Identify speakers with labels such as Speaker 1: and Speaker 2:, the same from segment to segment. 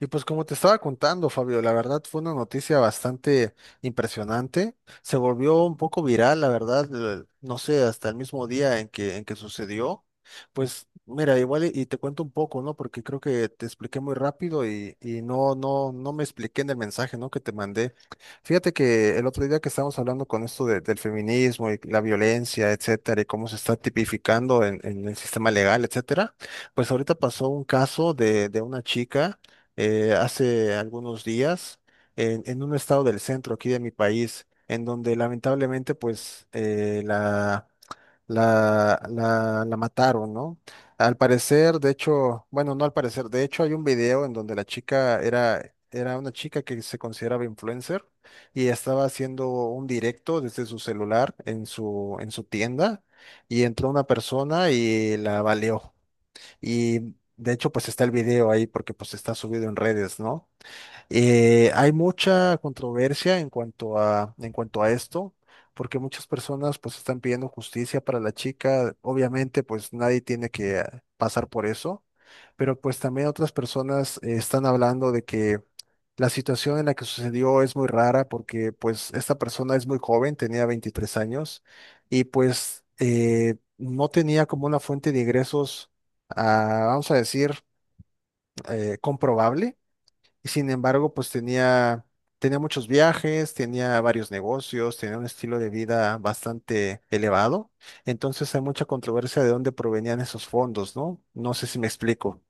Speaker 1: Y pues como te estaba contando, Fabio, la verdad fue una noticia bastante impresionante. Se volvió un poco viral, la verdad, no sé, hasta el mismo día en que sucedió. Pues mira, igual y te cuento un poco, ¿no? Porque creo que te expliqué muy rápido y no me expliqué en el mensaje, ¿no? que te mandé. Fíjate que el otro día que estábamos hablando con esto del feminismo y la violencia, etcétera, y cómo se está tipificando en, el sistema legal, etcétera, pues ahorita pasó un caso de, una chica hace algunos días en un estado del centro aquí de mi país, en donde lamentablemente pues la mataron, ¿no? Al parecer, de hecho, bueno, no al parecer, de hecho hay un video en donde la chica era, una chica que se consideraba influencer y estaba haciendo un directo desde su celular en su tienda y entró una persona y la baleó. Y de hecho, pues está el video ahí porque pues está subido en redes, ¿no? Hay mucha controversia en cuanto a esto, porque muchas personas pues están pidiendo justicia para la chica. Obviamente pues nadie tiene que pasar por eso, pero pues también otras personas están hablando de que la situación en la que sucedió es muy rara porque pues esta persona es muy joven, tenía 23 años y pues no tenía como una fuente de ingresos, vamos a decir, comprobable sin embargo, pues tenía, muchos viajes, tenía varios negocios, tenía un estilo de vida bastante elevado. Entonces hay mucha controversia de dónde provenían esos fondos, ¿no? No sé si me explico.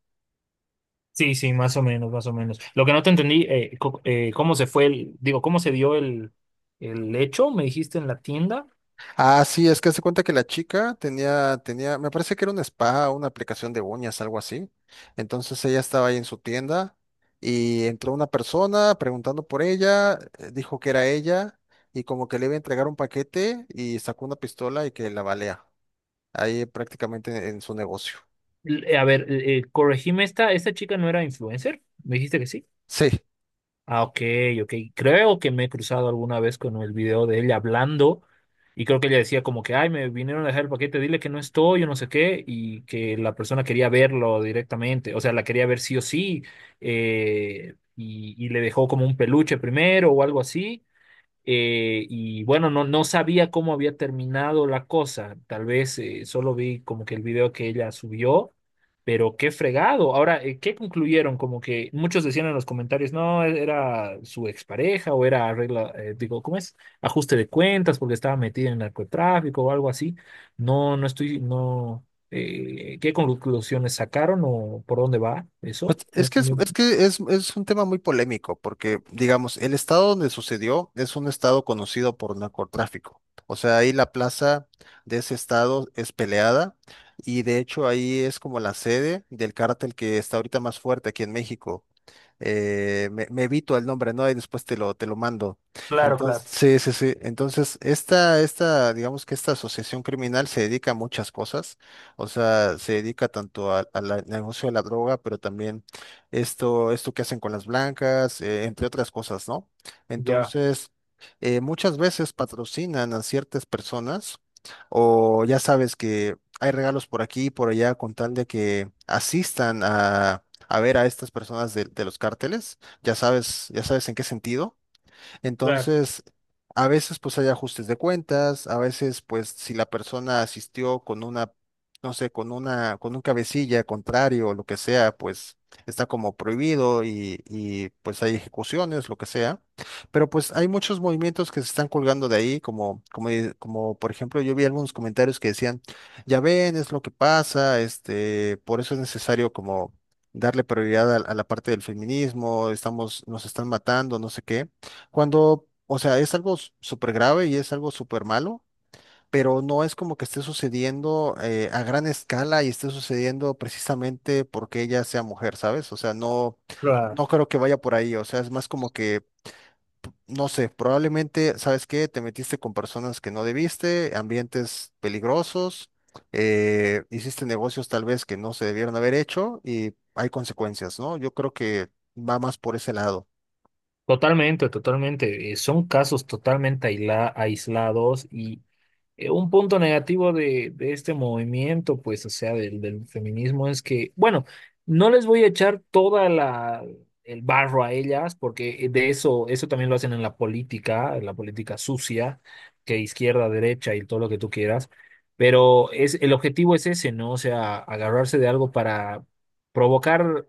Speaker 2: Sí, sí, más o menos, más o menos. Lo que no te entendí, cómo se fue el, digo, cómo se dio el hecho, me dijiste en la tienda.
Speaker 1: Ah, sí, es que se cuenta que la chica tenía, me parece que era un spa, una aplicación de uñas, algo así. Entonces ella estaba ahí en su tienda y entró una persona preguntando por ella, dijo que era ella y como que le iba a entregar un paquete y sacó una pistola y que la balea. Ahí prácticamente en su negocio.
Speaker 2: A ver, corregime esta chica no era influencer, me dijiste que sí.
Speaker 1: Sí,
Speaker 2: Ah, ok, ok. Creo que me he cruzado alguna vez con el video de ella hablando, y creo que ella decía como que, ay, me vinieron a dejar el paquete, dile que no estoy, yo no sé qué, y que la persona quería verlo directamente, o sea, la quería ver sí o sí, y le dejó como un peluche primero o algo así. Y bueno, no, no sabía cómo había terminado la cosa. Tal vez solo vi como que el video que ella subió, pero qué fregado. Ahora, ¿qué concluyeron? Como que muchos decían en los comentarios, no, era su expareja o era arregla, digo, ¿cómo es? Ajuste de cuentas porque estaba metida en narcotráfico o algo así. No, no estoy, no. ¿Qué conclusiones sacaron o por dónde va
Speaker 1: pues,
Speaker 2: eso? No, no-
Speaker 1: es un tema muy polémico, porque digamos, el estado donde sucedió es un estado conocido por narcotráfico. O sea, ahí la plaza de ese estado es peleada y de hecho ahí es como la sede del cártel que está ahorita más fuerte aquí en México, me evito el nombre, ¿no? Y después te lo mando.
Speaker 2: Claro,
Speaker 1: Entonces,
Speaker 2: claro,
Speaker 1: sí, sí, sí. Entonces, esta, digamos que esta asociación criminal se dedica a muchas cosas. O sea, se dedica tanto al negocio de la droga, pero también esto que hacen con las blancas, entre otras cosas, ¿no?
Speaker 2: ya,
Speaker 1: Entonces, muchas veces patrocinan a ciertas personas, o ya sabes que hay regalos por aquí y por allá con tal de que asistan a ver a estas personas de los cárteles, ya sabes en qué sentido,
Speaker 2: claro.
Speaker 1: entonces, a veces pues hay ajustes de cuentas, a veces pues si la persona asistió con una, no sé, con una, con un cabecilla contrario o lo que sea, pues está como prohibido y pues hay ejecuciones, lo que sea. Pero pues hay muchos movimientos que se están colgando de ahí, como por ejemplo yo vi algunos comentarios que decían, ya ven, es lo que pasa, este, por eso es necesario como darle prioridad a la parte del feminismo, estamos, nos están matando, no sé qué. Cuando, o sea, es algo súper grave y es algo súper malo, pero no es como que esté sucediendo a gran escala y esté sucediendo precisamente porque ella sea mujer, ¿sabes? O sea, no,
Speaker 2: Claro.
Speaker 1: no creo que vaya por ahí, o sea, es más como que, no sé, probablemente, ¿sabes qué? Te metiste con personas que no debiste, ambientes peligrosos, hiciste negocios tal vez que no se debieron haber hecho y hay consecuencias, ¿no? Yo creo que va más por ese lado.
Speaker 2: Totalmente, totalmente. Son casos totalmente aislados y un punto negativo de este movimiento, pues, o sea, del feminismo es que, bueno, no les voy a echar toda la el barro a ellas, porque de eso también lo hacen en la política sucia, que izquierda, derecha y todo lo que tú quieras. Pero el objetivo es ese, ¿no? O sea, agarrarse de algo para provocar,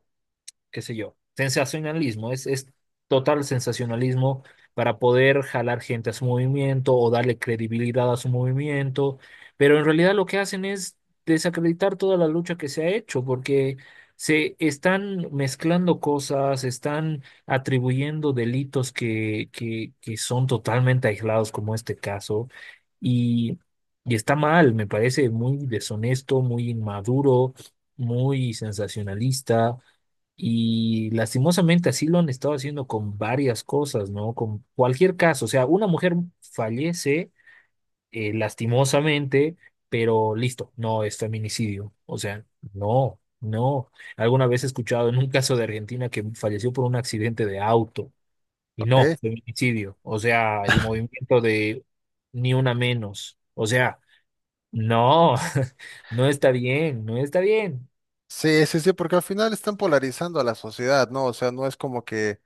Speaker 2: qué sé yo, sensacionalismo, es total sensacionalismo para poder jalar gente a su movimiento o darle credibilidad a su movimiento, pero en realidad lo que hacen es desacreditar toda la lucha que se ha hecho, porque se están mezclando cosas, están atribuyendo delitos que son totalmente aislados, como este caso, y, y está mal. Me parece muy deshonesto, muy inmaduro, muy sensacionalista. Y lastimosamente así lo han estado haciendo con varias cosas, ¿no? Con cualquier caso, o sea, una mujer fallece, lastimosamente, pero listo, no es feminicidio. O sea, no, no. Alguna vez he escuchado en un caso de Argentina que falleció por un accidente de auto, y
Speaker 1: Ok.
Speaker 2: no, feminicidio. O sea, el movimiento de ni una menos. O sea, no, no está bien, no está bien.
Speaker 1: Sí, sí, sí, porque al final están polarizando a la sociedad, ¿no? O sea, no es como que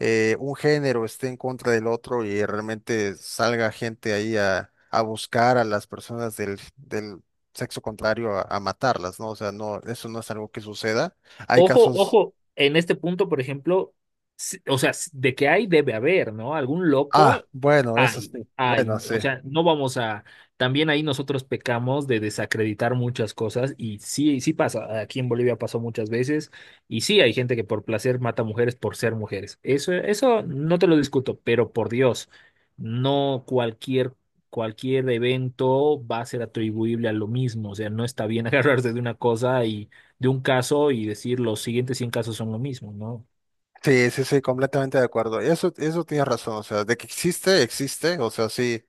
Speaker 1: un género esté en contra del otro y realmente salga gente ahí a, buscar a las personas del, sexo contrario a matarlas, ¿no? O sea, no, eso no es algo que suceda. Hay
Speaker 2: Ojo,
Speaker 1: casos,
Speaker 2: ojo, en este punto, por ejemplo, o sea, de que hay, debe haber, ¿no? Algún
Speaker 1: ah,
Speaker 2: loco
Speaker 1: bueno, eso
Speaker 2: hay,
Speaker 1: sí, bueno,
Speaker 2: hay.
Speaker 1: sí.
Speaker 2: O sea, no vamos a. También ahí nosotros pecamos de desacreditar muchas cosas, y sí, sí pasa. Aquí en Bolivia pasó muchas veces, y sí hay gente que por placer mata mujeres por ser mujeres. Eso no te lo discuto, pero por Dios, no cualquier. Cualquier evento va a ser atribuible a lo mismo, o sea, no está bien agarrarse de una cosa, de un caso, y decir los siguientes 100 casos son lo mismo, ¿no?
Speaker 1: Sí, sí, sí, completamente de acuerdo. Eso tienes razón, o sea, de que existe, existe, o sea, sí.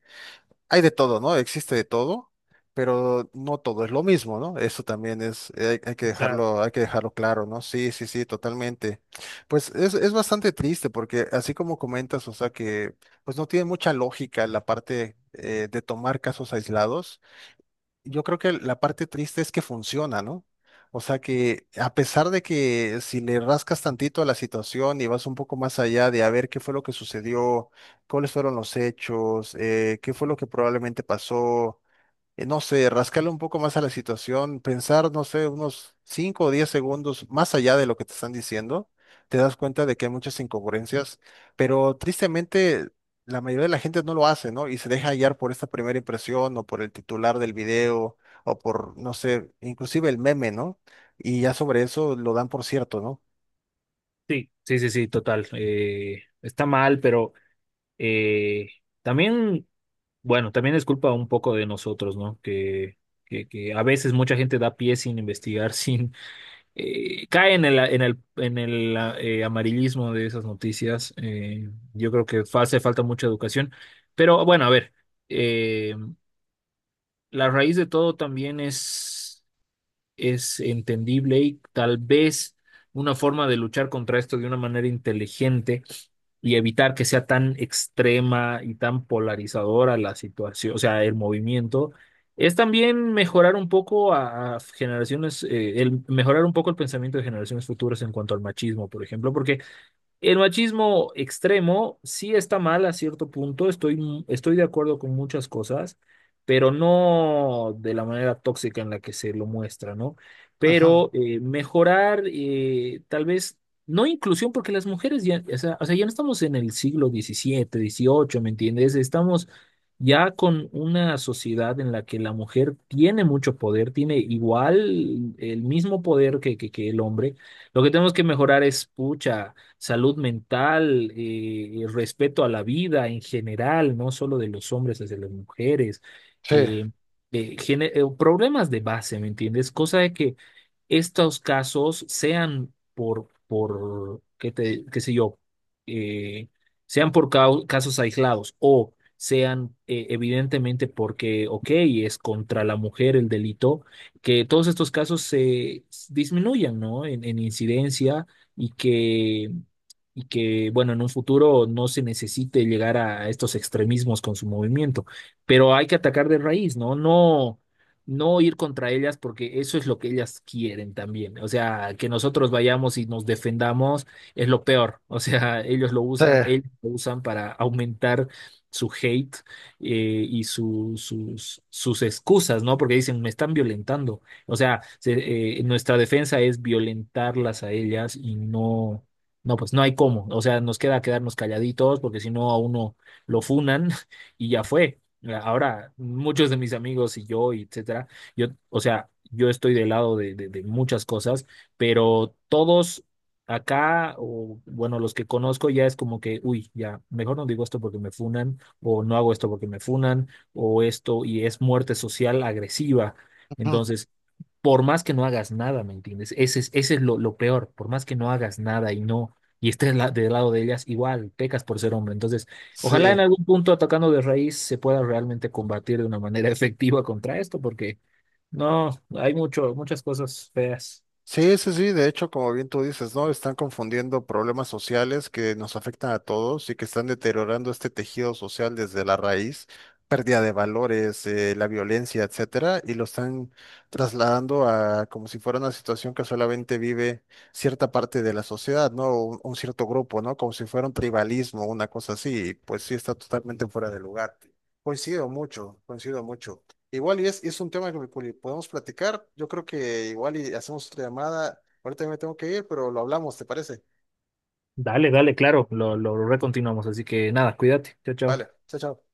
Speaker 1: Hay de todo, ¿no? Existe de todo, pero no todo es lo mismo, ¿no? Eso también es, hay que
Speaker 2: Exacto.
Speaker 1: dejarlo, hay que dejarlo claro, ¿no? Sí, sí, sí, totalmente. Pues es bastante triste porque así como comentas, o sea que pues no tiene mucha lógica la parte de tomar casos aislados yo creo que la parte triste es que funciona, ¿no? O sea que a pesar de que si le rascas tantito a la situación y vas un poco más allá de a ver qué fue lo que sucedió, cuáles fueron los hechos, qué fue lo que probablemente pasó, no sé, rascarle un poco más a la situación, pensar, no sé, unos 5 o 10 segundos más allá de lo que te están diciendo, te das cuenta de que hay muchas incongruencias, pero tristemente la mayoría de la gente no lo hace, ¿no? Y se deja hallar por esta primera impresión o por el titular del video o por, no sé, inclusive el meme, ¿no? Y ya sobre eso lo dan por cierto, ¿no?
Speaker 2: Sí, sí, sí, sí, total. Está mal, pero eh, también, bueno, también es culpa un poco de nosotros, ¿no? Que a veces mucha gente da pie sin investigar, sin cae en el, amarillismo de esas noticias. Yo creo que hace falta mucha educación. Pero bueno, a ver, eh, la raíz de todo también es entendible, y tal vez una forma de luchar contra esto de una manera inteligente y evitar que sea tan extrema y tan polarizadora la situación, o sea, el movimiento, es también mejorar un poco a generaciones, el mejorar un poco el pensamiento de generaciones futuras en cuanto al machismo, por ejemplo, porque el machismo extremo sí está mal a cierto punto. Estoy de acuerdo con muchas cosas, pero no de la manera tóxica en la que se lo muestra, ¿no?
Speaker 1: Ujú,
Speaker 2: Pero mejorar, tal vez, no inclusión, porque las mujeres ya, o sea, ya no estamos en el siglo XVII, XVIII, ¿me entiendes? Estamos ya con una sociedad en la que la mujer tiene mucho poder, tiene igual el mismo poder que el hombre. Lo que tenemos que mejorar es, pucha, salud mental, respeto a la vida en general, no solo de los hombres hacia las mujeres,
Speaker 1: sí,
Speaker 2: eh, problemas de base, ¿me entiendes? Cosa de que estos casos sean por qué te, qué sé yo, eh, sean por casos aislados, o sean, evidentemente porque, ok, es contra la mujer el delito, que todos estos casos se disminuyan, ¿no? En incidencia, y que, y que, bueno, en un futuro no se necesite llegar a estos extremismos con su movimiento, pero hay que atacar de raíz, ¿no? No, no ir contra ellas, porque eso es lo que ellas quieren también. O sea, que nosotros vayamos y nos defendamos es lo peor. O sea,
Speaker 1: sí,
Speaker 2: ellos lo usan para aumentar su hate, y sus excusas, ¿no? Porque dicen, me están violentando. O sea, nuestra defensa es violentarlas a ellas, y no, no, pues no hay cómo. O sea, nos queda quedarnos calladitos porque si no a uno lo funan y ya fue. Ahora, muchos de mis amigos y yo, y etcétera, yo, o sea, yo estoy del lado de muchas cosas, pero todos acá, o bueno, los que conozco ya es como que, uy, ya, mejor no digo esto porque me funan, o no hago esto porque me funan, o esto, y es muerte social agresiva.
Speaker 1: ujú,
Speaker 2: Entonces, por más que no hagas nada, ¿me entiendes? Ese es lo peor, por más que no hagas nada y no, y estés del lado de ellas, igual pecas por ser hombre. Entonces, ojalá en
Speaker 1: sí.
Speaker 2: algún punto atacando de raíz se pueda realmente combatir de una manera efectiva contra esto, porque no, hay muchas cosas feas.
Speaker 1: Sí, sí, sí, de hecho, como bien tú dices, ¿no? Están confundiendo problemas sociales que nos afectan a todos y que están deteriorando este tejido social desde la raíz, pérdida de valores, la violencia, etcétera, y lo están trasladando a como si fuera una situación que solamente vive cierta parte de la sociedad, ¿no? Un cierto grupo, ¿no? Como si fuera un tribalismo, una cosa así, y pues sí está totalmente fuera de lugar. Coincido mucho, coincido mucho. Igual y es un tema que podemos platicar. Yo creo que igual y hacemos otra llamada. Ahorita me tengo que ir, pero lo hablamos, ¿te parece?
Speaker 2: Dale, dale, claro, lo recontinuamos. Así que nada, cuídate. Chao, chao.
Speaker 1: Vale, chao, chao.